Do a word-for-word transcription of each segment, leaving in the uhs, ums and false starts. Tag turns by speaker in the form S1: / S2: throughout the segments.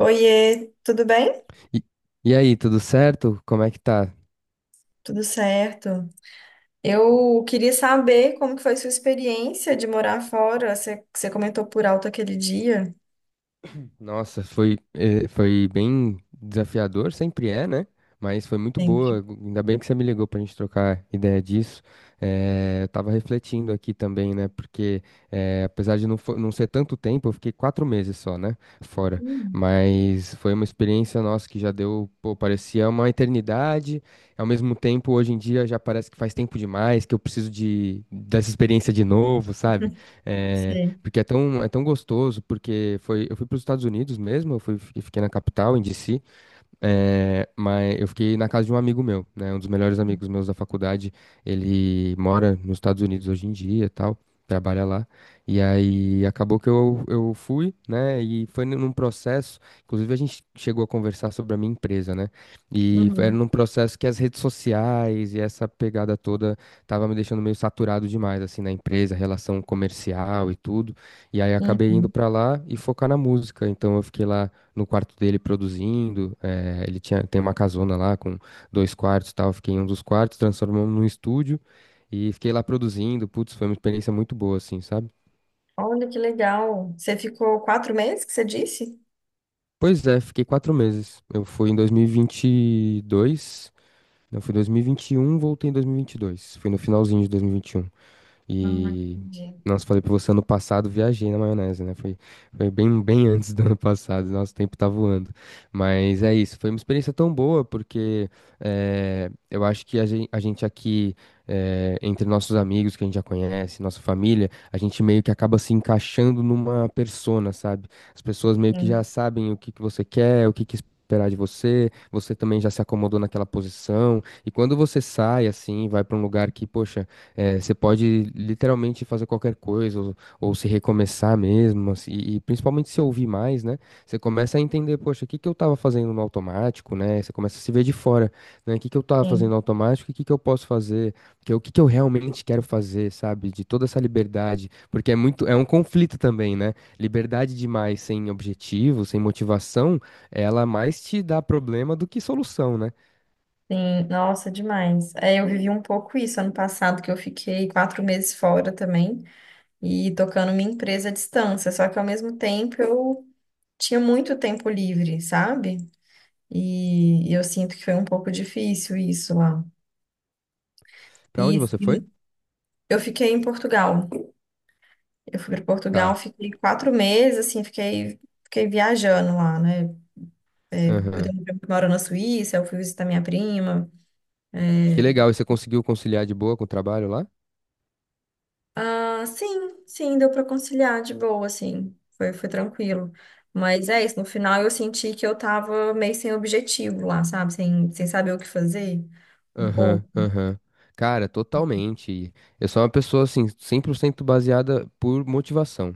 S1: Oiê, tudo bem?
S2: E e aí, tudo certo? Como é que tá?
S1: Tudo certo. Eu queria saber como que foi sua experiência de morar fora. Você, você comentou por alto aquele dia.
S2: Nossa, foi, eh, foi bem desafiador, sempre é, né? Mas foi muito
S1: Sempre.
S2: boa. Ainda bem que você me ligou pra gente trocar ideia disso. Eh, eu tava refletindo aqui também, né? Porque eh, apesar de não, fo- não ser tanto tempo, eu fiquei quatro meses só, né? Fora.
S1: Hum,
S2: Mas foi uma experiência nossa que já deu, pô, parecia uma eternidade. Ao mesmo tempo, hoje em dia já parece que faz tempo demais, que eu preciso de, dessa experiência de novo, sabe? É,
S1: Sei.
S2: porque é tão, é tão gostoso, porque foi, eu fui para os Estados Unidos mesmo, eu fui, eu fiquei na capital, em D C, é, mas eu fiquei na casa de um amigo meu, né? Um dos melhores amigos meus da faculdade. Ele mora nos Estados Unidos hoje em dia, e tal, trabalha lá. E aí acabou que eu, eu fui, né? E foi num processo. Inclusive, a gente chegou a conversar sobre a minha empresa, né? E foi- era
S1: Uhum,
S2: num processo que as redes sociais e essa pegada toda tava me deixando meio saturado demais, assim, na empresa, relação comercial e tudo. E aí acabei indo
S1: uhum.
S2: pra lá e focar na música. Então eu fiquei lá no quarto dele produzindo. É, ele tinha, tem uma casona lá com dois quartos e tal. Eu fiquei em um dos quartos, transformamos num estúdio e fiquei lá produzindo. Putz, foi uma experiência muito boa, assim, sabe?
S1: Olha que legal. Você ficou quatro meses que você disse?
S2: Pois é, fiquei quatro meses. Eu fui em dois mil e vinte e dois, não, fui em dois mil e vinte e um, voltei em dois mil e vinte e dois. Fui no finalzinho de dois mil e vinte e um.
S1: Ah,
S2: E,
S1: entendi.
S2: nossa, falei pra você, ano passado viajei na maionese, né? Foi, foi bem, bem antes do ano passado, nosso tempo tá voando. Mas é isso, foi uma experiência tão boa, porque eh, eu acho que a gen- a gente, aqui, eh, entre nossos amigos que a gente já conhece, nossa família, a gente meio que acaba se encaixando numa persona, sabe? As pessoas meio que já
S1: Sim,
S2: sabem o que que você quer, o que que esperar de você, você também já se acomodou naquela posição, e quando você sai assim, vai pra um lugar que, poxa, é, você pode literalmente fazer qualquer coisa, ou, ou se recomeçar mesmo, assim, e, e principalmente se ouvir mais, né? Você começa a entender, poxa, o que que eu tava fazendo no automático, né? Você começa a se ver de fora, né? O que que eu tava fazendo
S1: sim,
S2: no automático e o que que eu posso fazer? Que, eu- o que que eu realmente quero fazer, sabe? De toda essa liberdade, porque é muito, é um conflito também, né? Liberdade demais sem objetivo, sem motivação, ela mais te dá problema do que solução, né?
S1: sim. Nossa, demais. É, eu vivi um pouco isso ano passado, que eu fiquei quatro meses fora também e tocando minha empresa à distância. Só que ao mesmo tempo eu tinha muito tempo livre, sabe? E, e eu sinto que foi um pouco difícil isso lá.
S2: Pra
S1: E,
S2: onde você foi?
S1: e eu fiquei em Portugal. Eu fui para Portugal, fiquei quatro meses, assim, fiquei, fiquei viajando lá, né? É, eu
S2: Tá.
S1: tenho um primo que mora na Suíça, eu fui visitar minha prima.
S2: Que
S1: É,
S2: legal, e você conseguiu conciliar de boa com o trabalho lá?
S1: ah, sim, sim, deu para conciliar de boa, assim, foi, foi tranquilo. Mas é isso, no final eu senti que eu tava meio sem objetivo lá, sabe? Sem, sem saber o que fazer, um
S2: Aham,
S1: pouco.
S2: aham. Cara, totalmente. Eu sou uma pessoa, assim, cem por cento baseada por motivação.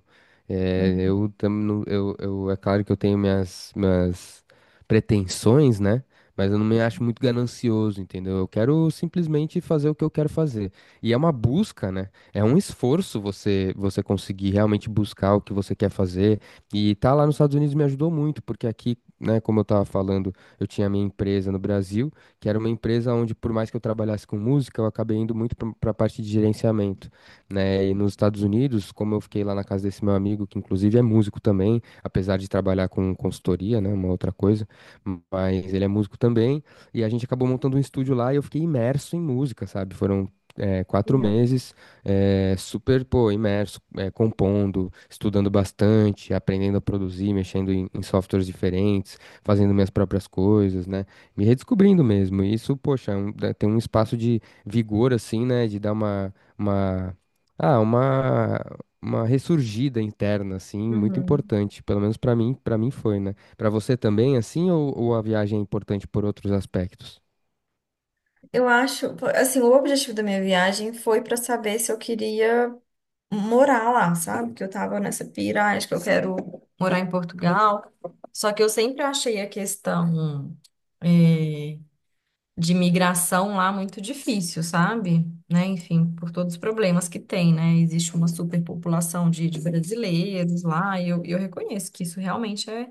S2: É, eu, tam- não- eu, eu, é claro que eu tenho minhas, minhas pretensões, né? Mas eu não me acho muito ganancioso, entendeu? Eu quero simplesmente fazer o que eu quero fazer. E é uma busca, né? É um esforço você, você conseguir realmente buscar o que você quer fazer. E tá lá nos Estados Unidos me ajudou muito, porque aqui, né, como eu tava falando, eu tinha minha empresa no Brasil que era uma empresa onde, por mais que eu trabalhasse com música, eu acabei indo muito para a parte de gerenciamento, né? E nos Estados Unidos, como eu fiquei lá na casa desse meu amigo, que inclusive é músico também, apesar de trabalhar com consultoria, né? Uma outra coisa, mas ele é músico também, e a gente acabou montando um estúdio lá e eu fiquei imerso em música, sabe? Foram é, quatro meses, é, super, pô, imerso, é, compondo, estudando bastante, aprendendo a produzir, mexendo em, em softwares diferentes, fazendo minhas próprias coisas, né? Me redescobrindo mesmo. E isso, poxa, é um- dá- tem um espaço de vigor, assim, né? De dar uma, uma, ah, uma, uma ressurgida interna, assim, muito
S1: Uhum.
S2: importante. Pelo menos pra mim, para mim foi, né? Pra você também, assim, ou, ou a viagem é importante por outros aspectos?
S1: Eu acho, pô, assim, o objetivo da minha viagem foi para saber se eu queria morar lá, sabe? Que eu tava nessa pira, ah, acho que eu quero morar em Portugal. Só que eu sempre achei a questão eh, de migração lá muito difícil, sabe? Né? Enfim, por todos os problemas que tem, né? Existe uma superpopulação de, de brasileiros lá, e eu, eu reconheço que isso realmente é,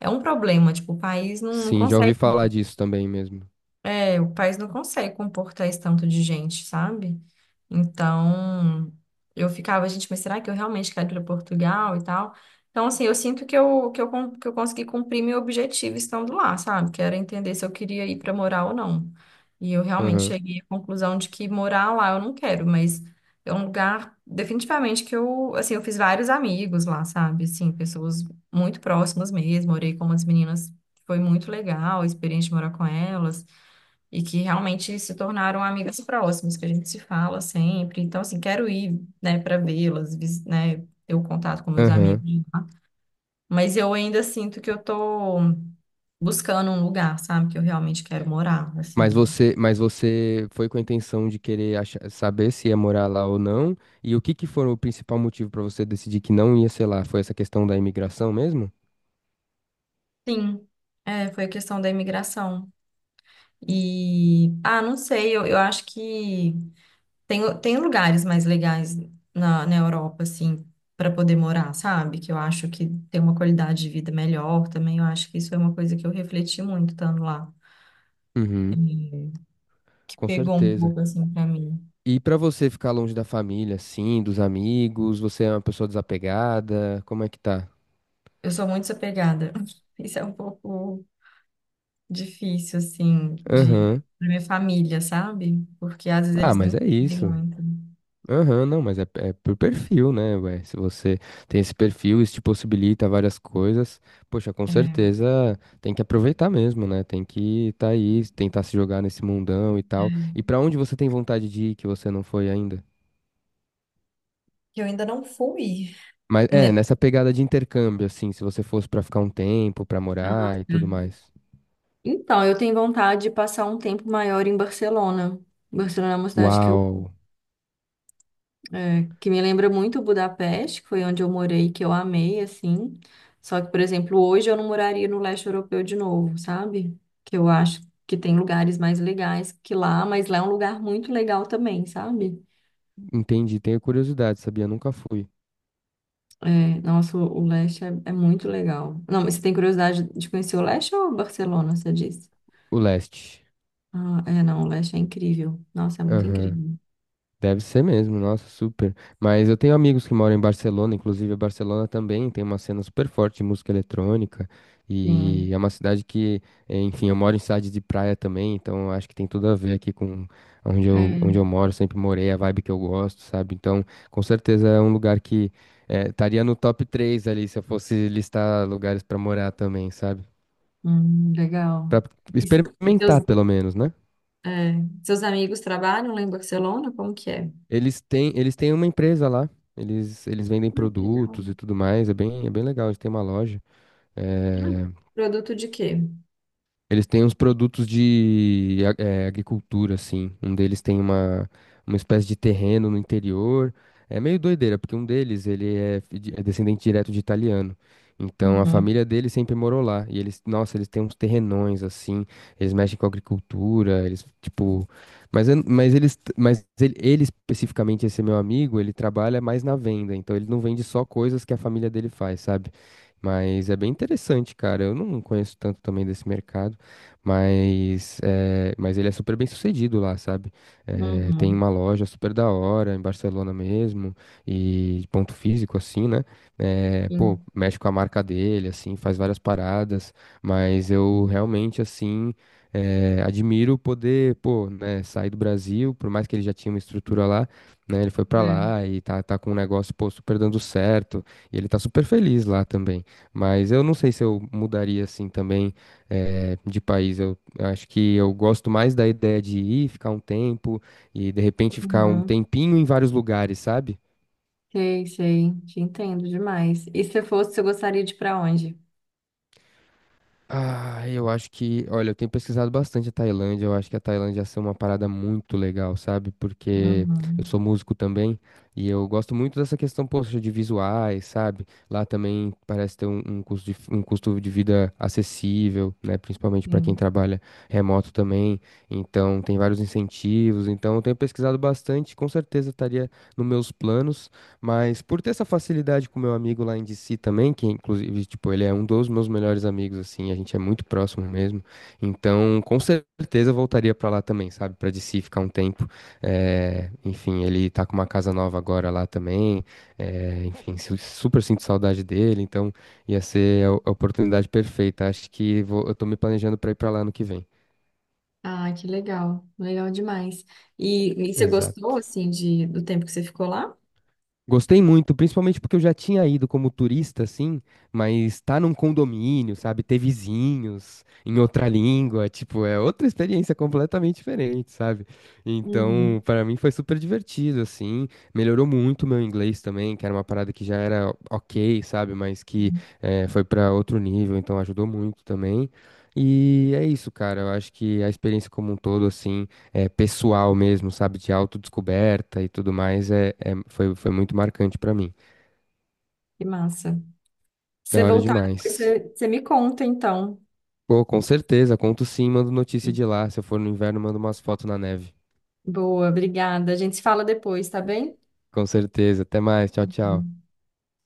S1: é um problema. Tipo, o país não
S2: Sim, já ouvi
S1: consegue.
S2: falar disso também mesmo.
S1: É, o país não consegue comportar esse tanto de gente, sabe? Então, eu ficava, gente, mas será que eu realmente quero ir para Portugal e tal? Então, assim, eu sinto que eu, que eu, con- que eu consegui cumprir meu objetivo estando lá, sabe? Que era entender se eu queria ir para morar ou não. E eu realmente
S2: Aham,
S1: cheguei à conclusão de que morar lá eu não quero, mas é um lugar, definitivamente, que eu, assim, eu fiz vários amigos lá, sabe? Assim, pessoas muito próximas mesmo, morei com umas meninas, foi muito legal a experiência de morar com elas e que realmente se tornaram amigas próximas, que a gente se fala sempre. Então, assim, quero ir, né, para vê-las, vis- né, ter o contato com meus amigos
S2: aham.
S1: lá. Mas eu ainda sinto que eu tô buscando um lugar, sabe, que eu realmente quero morar,
S2: Mas
S1: assim.
S2: você, mas você foi com a intenção de querer achar- saber se ia morar lá ou não? E o que que foi o principal motivo pra você decidir que não ia, sei lá, foi essa questão da imigração mesmo?
S1: Sim, é, foi questão da imigração. E, ah, não sei, eu, eu acho que tem, tem lugares mais legais na, na Europa, assim, para poder morar, sabe? Que eu acho que tem uma qualidade de vida melhor também. Eu acho que isso é uma coisa que eu refleti muito estando lá,
S2: Uhum,
S1: eh, que
S2: com
S1: pegou um
S2: certeza.
S1: pouco, assim, para mim.
S2: E pra você ficar longe da família, assim, dos amigos, você é uma pessoa desapegada, como é que tá?
S1: Eu sou muito desapegada. Isso é um pouco difícil, assim, de
S2: Aham.
S1: pra minha família, sabe? Porque às vezes
S2: Ah,
S1: eles não
S2: mas é
S1: entendem
S2: isso.
S1: muito.
S2: Aham, não, mas é, é por perfil, né, ué? Se você tem esse perfil, isso te possibilita várias coisas, poxa, com
S1: É,
S2: certeza tem que aproveitar mesmo, né? Tem que tá aí, tentar se jogar nesse mundão e tal.
S1: é.
S2: E pra onde você tem vontade de ir que você não foi ainda?
S1: Que eu ainda não fui.
S2: Mas
S1: Né?
S2: é, nessa pegada de intercâmbio, assim, se você fosse pra ficar um tempo, pra
S1: Nossa.
S2: morar e tudo mais.
S1: Então, eu tenho vontade de passar um tempo maior em Barcelona. Barcelona é uma cidade que, eu,
S2: Uau.
S1: é, que me lembra muito Budapeste, que foi onde eu morei, que eu amei, assim. Só que, por exemplo, hoje eu não moraria no leste europeu de novo, sabe? Que eu acho que tem lugares mais legais que lá, mas lá é um lugar muito legal também, sabe?
S2: Entendi, tenho curiosidade, sabia? Nunca fui.
S1: É, nossa, o o leste é, é muito legal. Não, mas você tem curiosidade de conhecer o leste ou Barcelona, você disse?
S2: O leste.
S1: Ah, é, não, o leste é incrível. Nossa, é muito
S2: Aham.
S1: incrível.
S2: Deve ser mesmo, nossa, super. Mas eu tenho amigos que moram em Barcelona, inclusive a Barcelona também tem uma cena super forte de música eletrônica. E
S1: Sim.
S2: é uma cidade que, eh, enfim, eu moro em cidade de praia também, então acho que tem tudo a ver aqui com onde eu,
S1: É.
S2: onde eu moro, sempre morei, a vibe que eu gosto, sabe? Então, com certeza é um lugar que eh, estaria no top três ali se eu fosse listar lugares pra morar também, sabe?
S1: Hum, legal.
S2: Pra
S1: E, e seus,
S2: experimentar, pelo menos, né?
S1: é, seus amigos trabalham lá em Barcelona? Como que é?
S2: Eles têm, eles têm uma empresa lá. Eles, eles vendem
S1: Ah, que legal.
S2: produtos e tudo mais. É bem, é bem legal. Eles têm uma loja.
S1: Ah,
S2: é,
S1: produto de quê?
S2: Eles têm uns produtos de a- eh, agricultura, assim. Um deles tem uma, uma espécie de terreno no interior. É meio doideira, porque um deles, ele é, fi- de- é descendente direto de italiano. Então, a
S1: Uhum,
S2: família dele sempre morou lá. E eles, nossa, eles têm uns terrenões, assim. Eles mexem com agricultura, eles, tipo... Mas, eu- mas eles, t- mas ele, ele especificamente, esse meu amigo, ele trabalha mais na venda. Então, ele não vende só coisas que a família dele faz, sabe? Mas é bem interessante, cara. Eu não conheço tanto também desse mercado. Mas, eh, mas ele é super bem sucedido lá, sabe? Eh, tem
S1: uhum,
S2: uma loja super da hora em Barcelona mesmo, e ponto físico, assim, né? Eh, pô,
S1: sim,
S2: mexe com a marca dele, assim, faz várias paradas, mas eu realmente, assim, eh, admiro poder, pô, né, sair do Brasil, por mais que ele já tinha uma estrutura lá, né? Ele foi pra
S1: né?
S2: lá e tá, tá com um negócio, pô, super dando certo, e ele tá super feliz lá também. Mas eu não sei se eu mudaria, assim, também eh, de país. Eu acho que eu gosto mais da ideia de ir, ficar um tempo e de repente ficar um
S1: Uhum.
S2: tempinho em vários lugares, sabe?
S1: Sei, sei. Te entendo demais. E se fosse, você gostaria de ir para onde?
S2: Ah, eu acho que, olha, eu tenho pesquisado bastante a Tailândia, eu acho que a Tailândia ia ser uma parada muito legal, sabe? Porque eu
S1: Uhum,
S2: sou músico também e eu gosto muito dessa questão, poxa, de visuais, sabe? Lá também parece ter um, um custo de, um custo de vida acessível, né? Principalmente para quem
S1: sim.
S2: trabalha remoto também. Então, tem vários incentivos. Então, eu tenho pesquisado bastante, com certeza estaria nos meus planos. Mas por ter essa facilidade com o meu amigo lá em D C também, que inclusive, tipo, ele é um dos meus melhores amigos, assim, a gente é muito próximo mesmo. Então, com certeza eu voltaria pra lá também, sabe? Pra D C ficar um tempo. É, enfim, ele tá com uma casa nova agora lá também. É, enfim, su- super sinto saudade dele, então ia ser a a oportunidade perfeita. Acho que vou- eu tô me planejando pra ir pra lá no que vem.
S1: Ah, que legal. Legal demais. E, e você gostou,
S2: Exato.
S1: assim, de, do tempo que você ficou lá?
S2: Gostei muito, principalmente porque eu já tinha ido como turista, assim, mas tá num condomínio, sabe? Ter vizinhos em outra língua, tipo, é outra experiência completamente diferente, sabe?
S1: Uhum,
S2: Então, pra mim foi super divertido, assim, melhorou muito o meu inglês também, que era uma parada que já era ok, sabe? Mas que eh, foi pra outro nível, então ajudou muito também. E é isso, cara, eu acho que a experiência como um todo, assim é, pessoal mesmo, sabe, de autodescoberta e tudo mais, é, é- foi, foi muito marcante pra mim.
S1: que massa.
S2: Da
S1: Você
S2: hora
S1: voltar, depois
S2: demais.
S1: você, você me conta, então.
S2: Pô, com certeza, conto sim, mando notícia de lá. Se eu for no inverno, mando umas fotos na neve.
S1: Boa, obrigada. A gente se fala depois, tá bem?
S2: Com certeza. Até mais, tchau, tchau.